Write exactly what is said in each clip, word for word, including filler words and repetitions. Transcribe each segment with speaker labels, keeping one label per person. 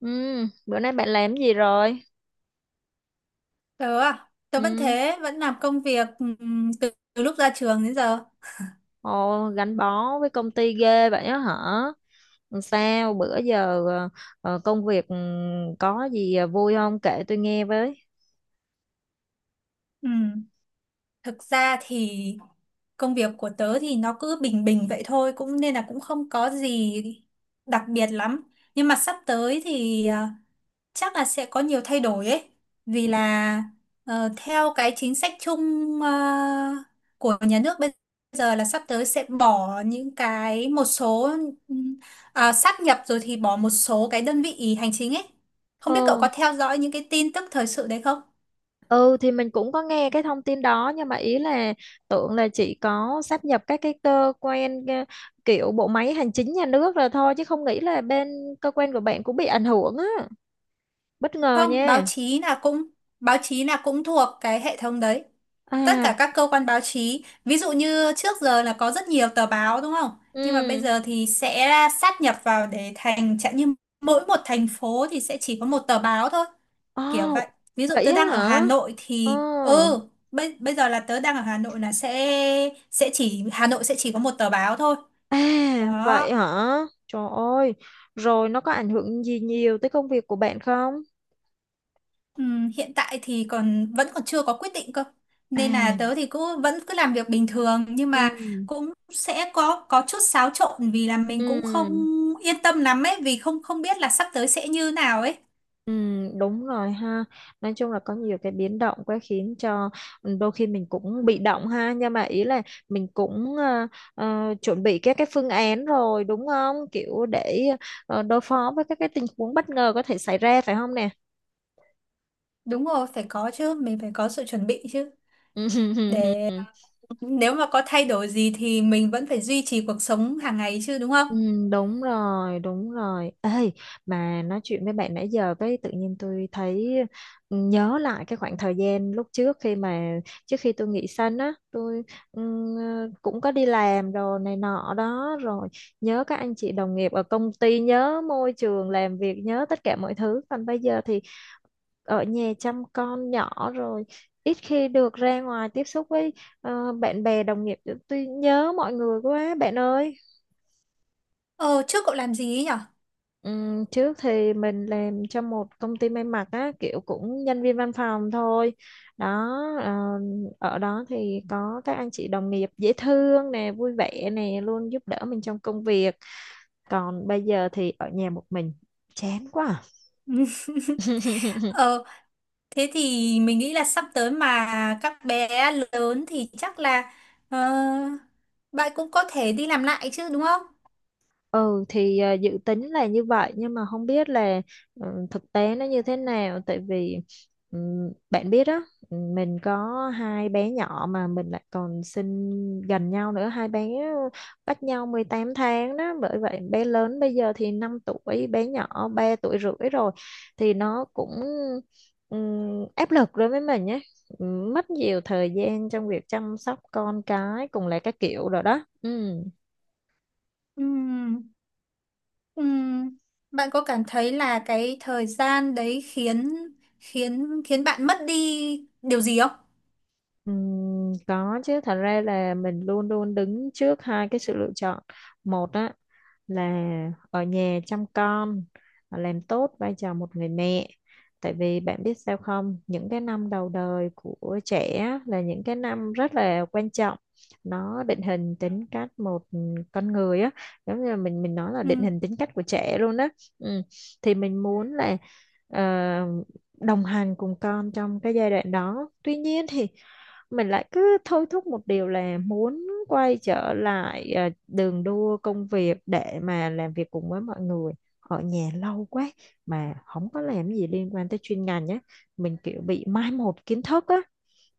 Speaker 1: Ừ, bữa nay bạn làm gì rồi?
Speaker 2: Tớ à, tớ vẫn
Speaker 1: Ừ,
Speaker 2: thế, vẫn làm công việc ừm, từ, từ lúc ra trường đến giờ.
Speaker 1: ồ, gắn bó với công ty ghê vậy á hả? Làm Sao bữa giờ ờ, ờ, công việc ừ, có gì ờ, vui không? Kể tôi nghe với.
Speaker 2: Ừm, Thực ra thì công việc của tớ thì nó cứ bình bình vậy thôi, cũng nên là cũng không có gì đặc biệt lắm. Nhưng mà sắp tới thì à, chắc là sẽ có nhiều thay đổi ấy vì là ờ, theo cái chính sách chung ờ, của nhà nước bây giờ là sắp tới sẽ bỏ những cái một số ừm, à, sáp nhập rồi thì bỏ một số cái đơn vị hành chính ấy. Không
Speaker 1: Ừ,
Speaker 2: biết cậu có theo dõi những cái tin tức thời sự đấy không?
Speaker 1: ừ thì mình cũng có nghe cái thông tin đó nhưng mà ý là tưởng là chỉ có sáp nhập các cái cơ quan ờ, kiểu bộ máy hành chính nhà nước rồi thôi chứ không nghĩ là bên cơ quan của bạn cũng bị ảnh hưởng á. Bất ngờ
Speaker 2: Không, báo
Speaker 1: nha.
Speaker 2: chí là cũng báo chí là cũng thuộc cái hệ thống đấy. Tất
Speaker 1: À,
Speaker 2: cả các cơ quan báo chí, ví dụ như trước giờ là có rất nhiều tờ báo đúng không, nhưng mà bây
Speaker 1: ừ.
Speaker 2: giờ thì sẽ sát nhập vào để thành chẳng như mỗi một thành phố thì sẽ chỉ có một tờ báo thôi,
Speaker 1: Ồ,
Speaker 2: kiểu vậy. Ví dụ
Speaker 1: vậy
Speaker 2: tớ
Speaker 1: á
Speaker 2: đang ở
Speaker 1: hả?
Speaker 2: Hà Nội
Speaker 1: Ồ.
Speaker 2: thì ừ, bây, bây giờ là tớ đang ở Hà Nội là sẽ sẽ chỉ Hà Nội sẽ chỉ có một tờ báo thôi,
Speaker 1: À,
Speaker 2: đó.
Speaker 1: vậy hả? Trời ơi, rồi nó có ảnh hưởng gì nhiều tới công việc của bạn không?
Speaker 2: Ừm, hiện tại thì còn vẫn còn chưa có quyết định cơ, nên
Speaker 1: À,
Speaker 2: là tớ thì cứ vẫn cứ làm việc bình thường, nhưng
Speaker 1: ừ,
Speaker 2: mà cũng sẽ có có chút xáo trộn vì là mình cũng không
Speaker 1: ừ,
Speaker 2: yên tâm lắm ấy, vì không không biết là sắp tới sẽ như nào ấy.
Speaker 1: ừ, đúng rồi ha. Nói chung là có nhiều cái biến động quá khiến cho ừ, đôi khi mình cũng bị động ha. Nhưng mà ý là mình cũng ờ, ờ, chuẩn bị các cái phương án rồi đúng không? Kiểu để ờ, đối phó với các cái tình huống bất ngờ có thể xảy ra phải không nè?
Speaker 2: Đúng rồi, phải có chứ, mình phải có sự chuẩn bị chứ, để nếu mà có thay đổi gì thì mình vẫn phải duy trì cuộc sống hàng ngày chứ đúng không.
Speaker 1: Ừ, đúng rồi, đúng rồi. Ê, mà nói chuyện với bạn nãy giờ cái tự nhiên tôi thấy ừ, nhớ lại cái khoảng thời gian lúc trước khi mà trước khi tôi nghỉ sanh á, tôi ừm, cũng có đi làm rồi này nọ đó rồi nhớ các anh chị đồng nghiệp ở công ty, nhớ môi trường làm việc, nhớ tất cả mọi thứ. Còn bây giờ thì ở nhà chăm con nhỏ rồi ít khi được ra ngoài tiếp xúc với ờ, bạn bè đồng nghiệp. Tôi nhớ mọi người quá bạn ơi.
Speaker 2: Ờ trước cậu làm gì ấy nhở?
Speaker 1: Ừm, trước thì mình làm cho một công ty may mặc á kiểu cũng nhân viên văn phòng thôi đó ờ, ở đó thì có các anh chị đồng nghiệp dễ thương nè vui vẻ nè luôn giúp đỡ mình trong công việc còn bây giờ thì ở nhà một mình chán quá à.
Speaker 2: Ờ, thế thì mình nghĩ là sắp tới mà các bé lớn thì chắc là ờ, bạn cũng có thể đi làm lại chứ đúng không?
Speaker 1: Ừ thì à, dự tính là như vậy nhưng mà không biết là ừ, thực tế nó như thế nào tại vì ừ, bạn biết đó mình có hai bé nhỏ mà mình lại còn sinh gần nhau nữa hai bé cách nhau mười tám tháng đó bởi vậy bé lớn bây giờ thì năm tuổi bé nhỏ ba tuổi rưỡi rồi thì nó cũng ừ, áp lực đối với mình nhé mất nhiều thời gian trong việc chăm sóc con cái cùng là các kiểu rồi đó ừ.
Speaker 2: Ừm, ừm. Bạn có cảm thấy là cái thời gian đấy khiến khiến khiến bạn mất đi điều gì không?
Speaker 1: Ừm, có chứ thật ra là mình luôn luôn đứng trước hai cái sự lựa chọn một á là ở nhà chăm con à, làm tốt vai trò một người mẹ tại vì bạn biết sao không những cái năm đầu đời của trẻ á, là những cái năm rất là quan trọng nó định hình tính cách một con người á giống như là mình mình nói là
Speaker 2: Ừ,
Speaker 1: định hình tính cách của trẻ luôn á ừ. Thì mình muốn là ờ, đồng hành cùng con trong cái giai đoạn đó tuy nhiên thì mình lại cứ thôi thúc một điều là muốn quay trở lại à, đường đua công việc để mà làm việc cùng với mọi người ở nhà lâu quá mà không có làm gì liên quan tới chuyên ngành nhé mình kiểu bị mai một kiến thức á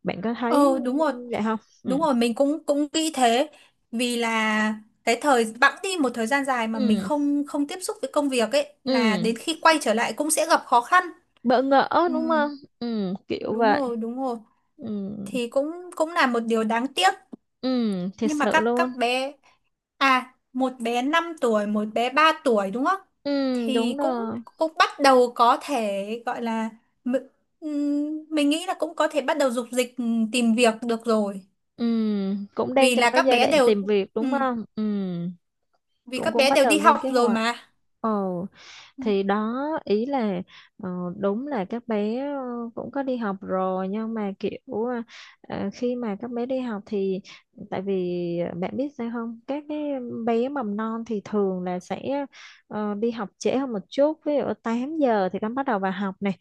Speaker 1: bạn có thấy
Speaker 2: ờ đúng rồi.
Speaker 1: vậy không? Ừ,
Speaker 2: Đúng rồi, mình cũng cũng nghĩ thế, vì là cái thời bẵng đi một thời gian dài mà mình
Speaker 1: ừ,
Speaker 2: không không tiếp xúc với công việc ấy, là
Speaker 1: ừ.
Speaker 2: đến khi quay trở lại cũng sẽ gặp khó khăn.
Speaker 1: Bỡ ngỡ đúng không?
Speaker 2: Ừm,
Speaker 1: Ừ, kiểu
Speaker 2: đúng
Speaker 1: vậy.
Speaker 2: rồi, đúng rồi.
Speaker 1: Ừ,
Speaker 2: Thì cũng cũng là một điều đáng tiếc,
Speaker 1: ừ, thiệt
Speaker 2: nhưng mà
Speaker 1: sự
Speaker 2: các
Speaker 1: luôn.
Speaker 2: các bé, à một bé năm tuổi một bé ba tuổi đúng không,
Speaker 1: Ừ,
Speaker 2: thì
Speaker 1: đúng
Speaker 2: cũng
Speaker 1: rồi.
Speaker 2: cũng bắt đầu có thể gọi là mi- ừm, mình nghĩ là cũng có thể bắt đầu dục dịch ừm, tìm việc được rồi.
Speaker 1: Ừ, cũng đang
Speaker 2: Vì
Speaker 1: trong
Speaker 2: là
Speaker 1: cái
Speaker 2: các
Speaker 1: giai
Speaker 2: bé
Speaker 1: đoạn
Speaker 2: đều
Speaker 1: tìm việc đúng
Speaker 2: ừm,
Speaker 1: không? Ừ,
Speaker 2: vì
Speaker 1: cũng
Speaker 2: các
Speaker 1: cũng
Speaker 2: bé
Speaker 1: bắt
Speaker 2: đều
Speaker 1: đầu
Speaker 2: đi
Speaker 1: lên
Speaker 2: học
Speaker 1: kế
Speaker 2: rồi
Speaker 1: hoạch
Speaker 2: mà.
Speaker 1: ờ
Speaker 2: Ừm,
Speaker 1: thì đó. Ý là ờ, đúng là các bé ờ, cũng có đi học rồi nhưng mà kiểu ờ, ờ, khi mà các bé đi học thì tại vì ờ, bạn biết sao không các cái bé mầm non thì thường là sẽ ờ, đi học trễ hơn một chút, ví dụ tám giờ thì con bắt đầu vào học này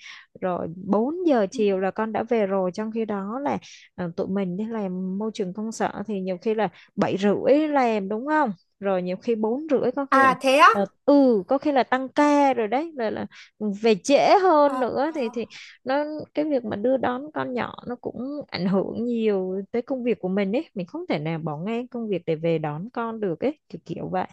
Speaker 1: rồi bốn giờ
Speaker 2: ừm.
Speaker 1: chiều là con đã về rồi, trong khi đó là ờ, tụi mình đi làm môi trường công sở thì nhiều khi là bảy rưỡi làm đúng không, rồi nhiều khi bốn rưỡi có khi là
Speaker 2: À thế á?
Speaker 1: Ờ, ừ có khi là tăng ca rồi đấy rồi là về trễ hơn
Speaker 2: Ờ,
Speaker 1: nữa thì
Speaker 2: ờ,
Speaker 1: thì nó, cái việc mà đưa đón con nhỏ nó cũng ảnh hưởng nhiều tới công việc của mình ấy, mình không thể nào bỏ ngang công việc để về đón con được ấy, kiểu kiểu vậy.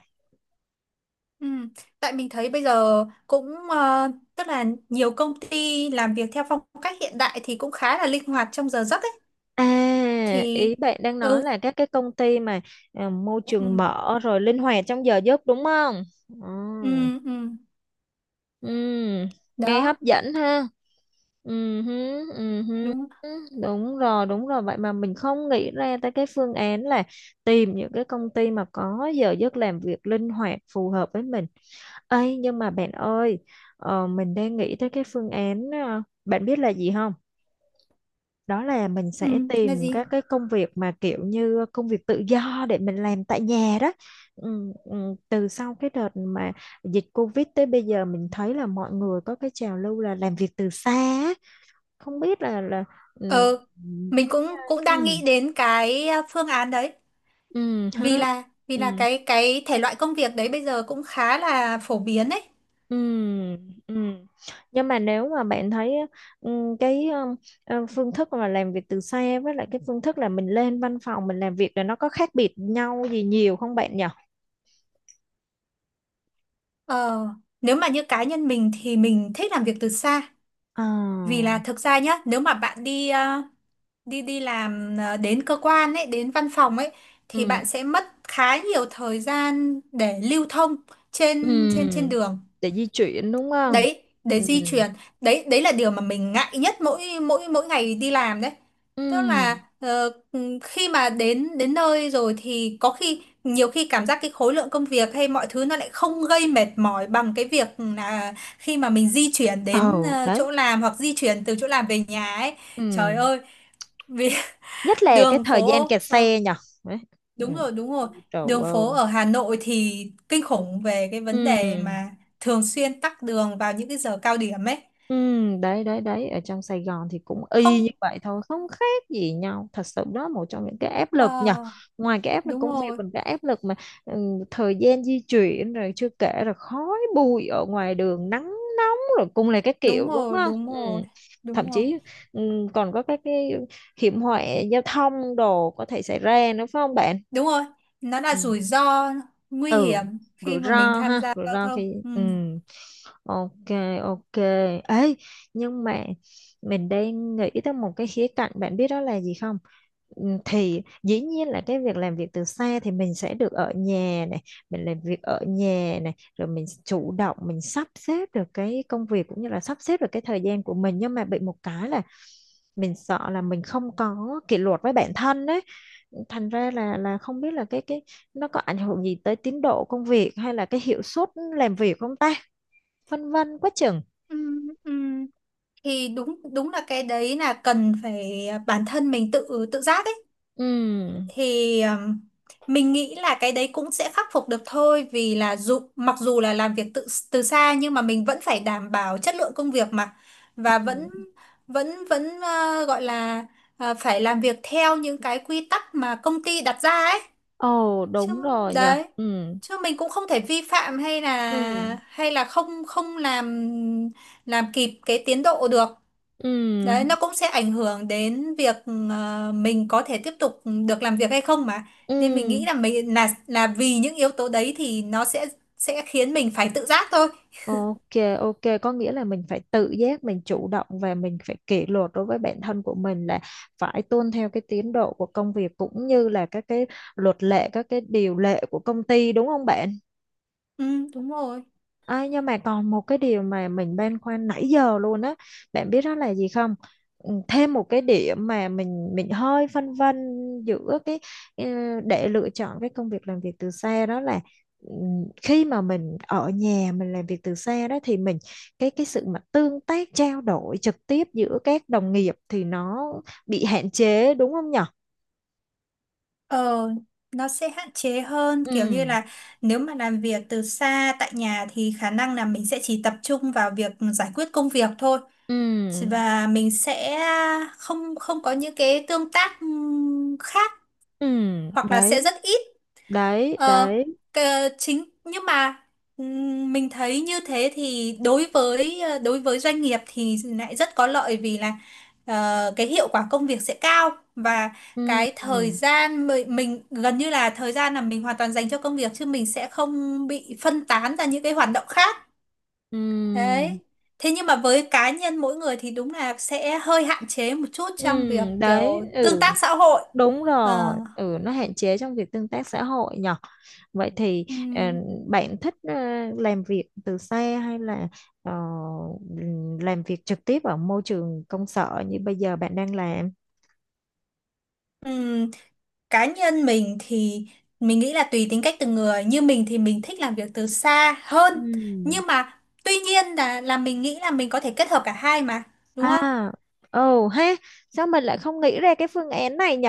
Speaker 2: ừm. Tại mình thấy bây giờ cũng ờ, tức là nhiều công ty làm việc theo phong cách hiện đại thì cũng khá là linh hoạt trong giờ giấc
Speaker 1: À,
Speaker 2: thì
Speaker 1: ý bạn đang nói
Speaker 2: ừ,
Speaker 1: là các cái công ty mà à, môi trường
Speaker 2: ừ,
Speaker 1: mở rồi linh hoạt trong giờ giấc đúng không? Ừ.
Speaker 2: ừ, ừ.
Speaker 1: Ừ, nghe
Speaker 2: Đó,
Speaker 1: hấp dẫn ha. Ừ, hứ, ừ hứ.
Speaker 2: đúng,
Speaker 1: Đúng rồi, đúng rồi. Vậy mà mình không nghĩ ra tới cái phương án là tìm những cái công ty mà có giờ giấc làm việc linh hoạt phù hợp với mình. Ấy nhưng mà bạn ơi, ờ, mình đang nghĩ tới cái phương án, ờ, bạn biết là gì không? Đó là mình sẽ
Speaker 2: ừ, là
Speaker 1: tìm các
Speaker 2: gì?
Speaker 1: cái công việc mà kiểu như công việc tự do để mình làm tại nhà đó. Ừ, ừ, từ sau cái đợt mà dịch Covid tới bây giờ mình thấy là mọi người có cái trào lưu là làm việc từ xa á. Không biết là là ừ,
Speaker 2: Ừ, mình cũng cũng đang
Speaker 1: ừ,
Speaker 2: nghĩ đến cái à, phương án đấy,
Speaker 1: ừ,
Speaker 2: vì
Speaker 1: hả?
Speaker 2: là vì là
Speaker 1: Ừ,
Speaker 2: cái cái thể loại công việc đấy bây giờ cũng khá là phổ biến ấy.
Speaker 1: ừ, ừ. Nhưng mà nếu mà bạn thấy ừ, cái ừ, ờ, phương thức mà làm việc từ xa với lại cái phương thức là mình lên văn phòng mình làm việc là nó có khác biệt nhau gì nhiều không bạn nhỉ?
Speaker 2: Ờ, nếu mà như cá nhân mình thì mình thích làm việc từ xa,
Speaker 1: Ờ,
Speaker 2: vì là thực ra nhá, nếu mà bạn đi à, đi đi làm, à, đến cơ quan ấy, đến văn phòng ấy, thì
Speaker 1: ừ,
Speaker 2: bạn sẽ mất khá nhiều thời gian để lưu thông trên trên trên
Speaker 1: ừ,
Speaker 2: đường.
Speaker 1: để di chuyển đúng không?
Speaker 2: Đấy đấy,
Speaker 1: Ừ,
Speaker 2: di truyền, đấy đấy là điều mà mình ngại nhất mỗi mỗi mỗi ngày đi làm đấy.
Speaker 1: ừ,
Speaker 2: Tức là ờ, khi mà đến đến nơi rồi thì có khi nhiều khi cảm giác cái khối lượng công việc hay mọi thứ nó lại không gây mệt mỏi bằng cái việc là khi mà mình di chuyển đến
Speaker 1: ồ,
Speaker 2: ờ,
Speaker 1: đấy.
Speaker 2: chỗ làm hoặc di chuyển từ chỗ làm về nhà ấy. Trời
Speaker 1: Ừ,
Speaker 2: ơi, vì
Speaker 1: nhất là cái
Speaker 2: đường
Speaker 1: thời gian
Speaker 2: phố
Speaker 1: kẹt
Speaker 2: ờ,
Speaker 1: xe nhở? Đấy. Ừ.
Speaker 2: đúng rồi đúng rồi.
Speaker 1: Trời
Speaker 2: Đường
Speaker 1: ơi.
Speaker 2: phố ở Hà Nội thì kinh khủng về cái vấn
Speaker 1: Ừ.
Speaker 2: đề mà thường xuyên tắc đường vào những cái giờ cao điểm ấy.
Speaker 1: Ừ. Đấy đấy đấy, ở trong Sài Gòn thì cũng y
Speaker 2: Không,
Speaker 1: như vậy thôi không khác gì nhau thật sự đó, một trong những cái áp
Speaker 2: ờ,
Speaker 1: lực nhở, ngoài cái áp lực
Speaker 2: đúng
Speaker 1: công việc
Speaker 2: rồi,
Speaker 1: còn cái áp lực mà ừ, thời gian di chuyển rồi chưa kể là khói bụi ở ngoài đường nắng rồi cung này các
Speaker 2: đúng
Speaker 1: kiểu đúng
Speaker 2: rồi,
Speaker 1: không?
Speaker 2: đúng
Speaker 1: Ừ.
Speaker 2: rồi,
Speaker 1: Thậm
Speaker 2: đúng rồi,
Speaker 1: chí ừ, còn có các cái hiểm họa giao thông đồ có thể xảy ra nữa phải không bạn?
Speaker 2: đúng rồi. Nó là
Speaker 1: Ừ,
Speaker 2: rủi ro, nguy
Speaker 1: ừ.
Speaker 2: hiểm khi
Speaker 1: Rủi
Speaker 2: mà mình
Speaker 1: ro
Speaker 2: tham
Speaker 1: ha,
Speaker 2: gia
Speaker 1: rủi
Speaker 2: giao
Speaker 1: ro
Speaker 2: thông
Speaker 1: khi
Speaker 2: ừ.
Speaker 1: ừ. OK, OK. Ấy, nhưng mà mình đang nghĩ tới một cái khía cạnh bạn biết đó là gì không? Ừ, thì dĩ nhiên là cái việc làm việc từ xa thì mình sẽ được ở nhà này, mình làm việc ở nhà này, rồi mình chủ động mình sắp xếp được cái công việc cũng như là sắp xếp được cái thời gian của mình, nhưng mà bị một cái là mình sợ là mình không có kỷ luật với bản thân đấy, thành ra là là không biết là cái cái nó có ảnh hưởng gì tới tiến độ công việc hay là cái hiệu suất làm việc không ta, phân vân quá chừng.
Speaker 2: Ừ, ừ. Thì đúng đúng là cái đấy là cần phải bản thân mình tự tự giác ấy.
Speaker 1: Ừ,
Speaker 2: Thì um, mình nghĩ là cái đấy cũng sẽ khắc phục được thôi, vì là dù mặc dù là làm việc tự từ xa nhưng mà mình vẫn phải đảm bảo chất lượng công việc mà. Và vẫn
Speaker 1: ừ.
Speaker 2: vẫn vẫn ờ, gọi là ờ, phải làm việc theo những cái quy tắc mà công ty đặt ra ấy
Speaker 1: Ồ
Speaker 2: chứ,
Speaker 1: đúng rồi nhỉ.
Speaker 2: đấy,
Speaker 1: Ừ,
Speaker 2: chứ mình cũng không thể vi phạm, hay
Speaker 1: ừ,
Speaker 2: là hay là không không làm, làm kịp cái tiến độ được.
Speaker 1: ừ,
Speaker 2: Đấy, nó cũng sẽ ảnh hưởng đến việc ờ, mình có thể tiếp tục được làm việc hay không mà. Nên mình
Speaker 1: ừ.
Speaker 2: nghĩ là mình là là vì những yếu tố đấy thì nó sẽ sẽ khiến mình phải tự giác thôi.
Speaker 1: OK, OK, có nghĩa là mình phải tự giác, mình chủ động và mình phải kỷ luật đối với bản thân của mình là phải tuân theo cái tiến độ của công việc cũng như là các cái luật lệ, các cái điều lệ của công ty đúng không bạn?
Speaker 2: Ừ, đúng rồi.
Speaker 1: Ai, nhưng mà còn một cái điều mà mình băn khoăn nãy giờ luôn á, bạn biết đó là gì không? Ừ, thêm một cái điểm mà mình mình hơi phân vân giữa cái ờ, để lựa chọn cái công việc làm việc từ xa đó là ừ, khi mà mình ở nhà mình làm việc từ xa đó thì mình, cái cái sự mà tương tác trao đổi trực tiếp giữa các đồng nghiệp thì nó bị hạn chế đúng không nhở?
Speaker 2: Ờ, nó sẽ hạn chế hơn, kiểu như
Speaker 1: Ừ,
Speaker 2: là nếu mà làm việc từ xa tại nhà thì khả năng là mình sẽ chỉ tập trung vào việc giải quyết công việc thôi,
Speaker 1: ừ,
Speaker 2: và mình sẽ không không có những cái tương tác ừm, khác,
Speaker 1: ừ,
Speaker 2: hoặc là
Speaker 1: đấy,
Speaker 2: sẽ rất ít.
Speaker 1: đấy,
Speaker 2: Ờ,
Speaker 1: đấy,
Speaker 2: cờ- chính nhưng mà ừm, mình thấy như thế thì đối với ờ, đối với doanh nghiệp thì lại rất có lợi, vì là ờ, cái hiệu quả công việc sẽ cao, và
Speaker 1: ừ,
Speaker 2: cái thời gian mi- mình gần như là thời gian là mình hoàn toàn dành cho công việc, chứ mình sẽ không bị phân tán ra những cái hoạt động khác.
Speaker 1: ừ.
Speaker 2: Đấy. Thế nhưng mà với cá nhân mỗi người thì đúng là sẽ hơi hạn chế một chút
Speaker 1: Ừ,
Speaker 2: trong việc
Speaker 1: đấy,
Speaker 2: kiểu tương
Speaker 1: ừ,
Speaker 2: tác xã hội.
Speaker 1: đúng
Speaker 2: Ờ.
Speaker 1: rồi, ừ, nó hạn chế trong việc tương tác xã hội nhở. Vậy thì ờ,
Speaker 2: Ừm,
Speaker 1: bạn thích ờ, làm việc từ xa hay là ờ, làm việc trực tiếp ở môi trường công sở như bây giờ bạn đang làm?
Speaker 2: ừm, cá nhân mình thì mình nghĩ là tùy tính cách từng người, như mình thì mình thích làm việc từ xa hơn,
Speaker 1: Ừ.
Speaker 2: nhưng mà tuy nhiên là là mình nghĩ là mình có thể kết hợp cả hai mà, đúng
Speaker 1: À,
Speaker 2: không?
Speaker 1: ồ ha, sao mình lại không nghĩ ra cái phương án này nhỉ?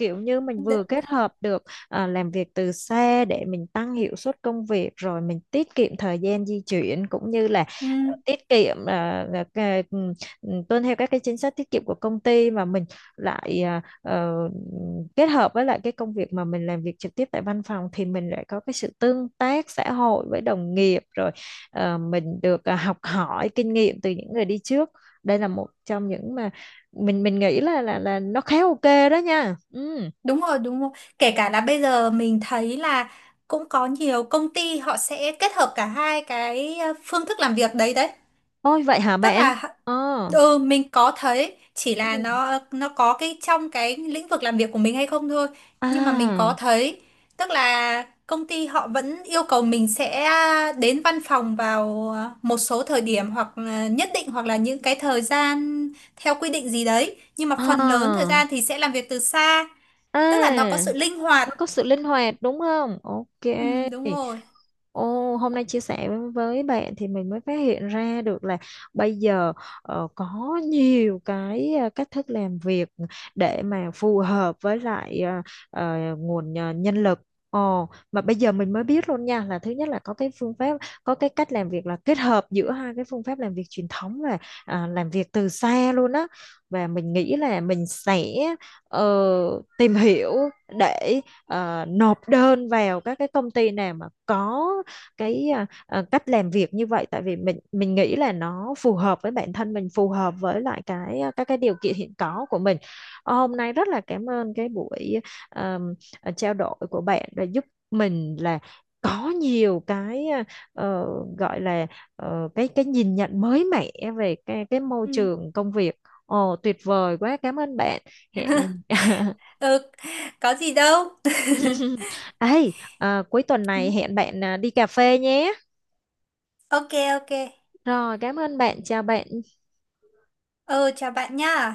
Speaker 1: Kiểu như mình vừa
Speaker 2: Đ-
Speaker 1: kết hợp được à, làm việc từ xa để mình tăng hiệu suất công việc rồi mình tiết kiệm thời gian di chuyển cũng như là
Speaker 2: ừm,
Speaker 1: à, tiết kiệm à, là cái- ừ, ừ, tuân theo các cái chính sách tiết kiệm của công ty mà mình lại à, ờ, kết hợp với lại cái công việc mà mình làm việc trực tiếp tại văn phòng thì mình lại có cái sự tương tác xã hội với đồng nghiệp rồi ờ, mình được à, học hỏi kinh nghiệm từ những người đi trước, đây là một trong những mà mình mình nghĩ là là là nó khá OK đó nha. Ừ.
Speaker 2: đúng rồi, đúng rồi. Kể cả là bây giờ mình thấy là cũng có nhiều công ty họ sẽ kết hợp cả hai cái ờ, phương thức làm việc đấy đấy,
Speaker 1: Ôi vậy hả
Speaker 2: tức
Speaker 1: bạn?
Speaker 2: là
Speaker 1: ờ
Speaker 2: Ừ, mình có thấy, chỉ là
Speaker 1: ừ.
Speaker 2: nó nó có cái trong cái lĩnh vực làm việc của mình hay không thôi. Nhưng mà mình có
Speaker 1: À,
Speaker 2: thấy, tức là công ty họ vẫn yêu cầu mình sẽ à, đến văn phòng vào một số thời điểm hoặc là nhất định, hoặc là những cái thời gian theo quy định gì đấy, nhưng mà phần lớn thời
Speaker 1: à,
Speaker 2: gian thì sẽ làm việc từ xa, tức là nó có
Speaker 1: à,
Speaker 2: sự linh hoạt.
Speaker 1: nó có sự linh hoạt đúng không? OK.
Speaker 2: Ừ, đúng rồi.
Speaker 1: Ồ, hôm nay chia sẻ với bạn thì mình mới phát hiện ra được là bây giờ ờ, có nhiều cái ờ, cách thức làm việc để mà phù hợp với lại ờ, ờ, nguồn ờ, nhân lực. Ồ, mà bây giờ mình mới biết luôn nha là thứ nhất là có cái phương pháp, có cái cách làm việc là kết hợp giữa hai cái phương pháp làm việc truyền thống và à, làm việc từ xa luôn á. Và mình nghĩ là mình sẽ ờ, tìm hiểu để ờ, nộp đơn vào các cái công ty nào mà có cái ờ, ờ, cách làm việc như vậy tại vì mình mình nghĩ là nó phù hợp với bản thân mình, phù hợp với lại cái ờ, các cái điều kiện hiện có của mình. Ờ, hôm nay rất là cảm ơn cái buổi ờ, ờ, trao đổi của bạn đã giúp mình là có nhiều cái ờ, ờ, gọi là ờ, cái cái nhìn nhận mới mẻ về cái cái môi
Speaker 2: Ừ.
Speaker 1: trường công việc. Ồ tuyệt vời quá, cảm ơn bạn, hẹn
Speaker 2: Ừ, có gì đâu.
Speaker 1: Ấy, à, cuối tuần
Speaker 2: Ừ,
Speaker 1: này hẹn bạn à, đi cà phê nhé.
Speaker 2: ok, ok.
Speaker 1: Rồi, cảm ơn bạn, chào bạn.
Speaker 2: Ừ chào bạn nha.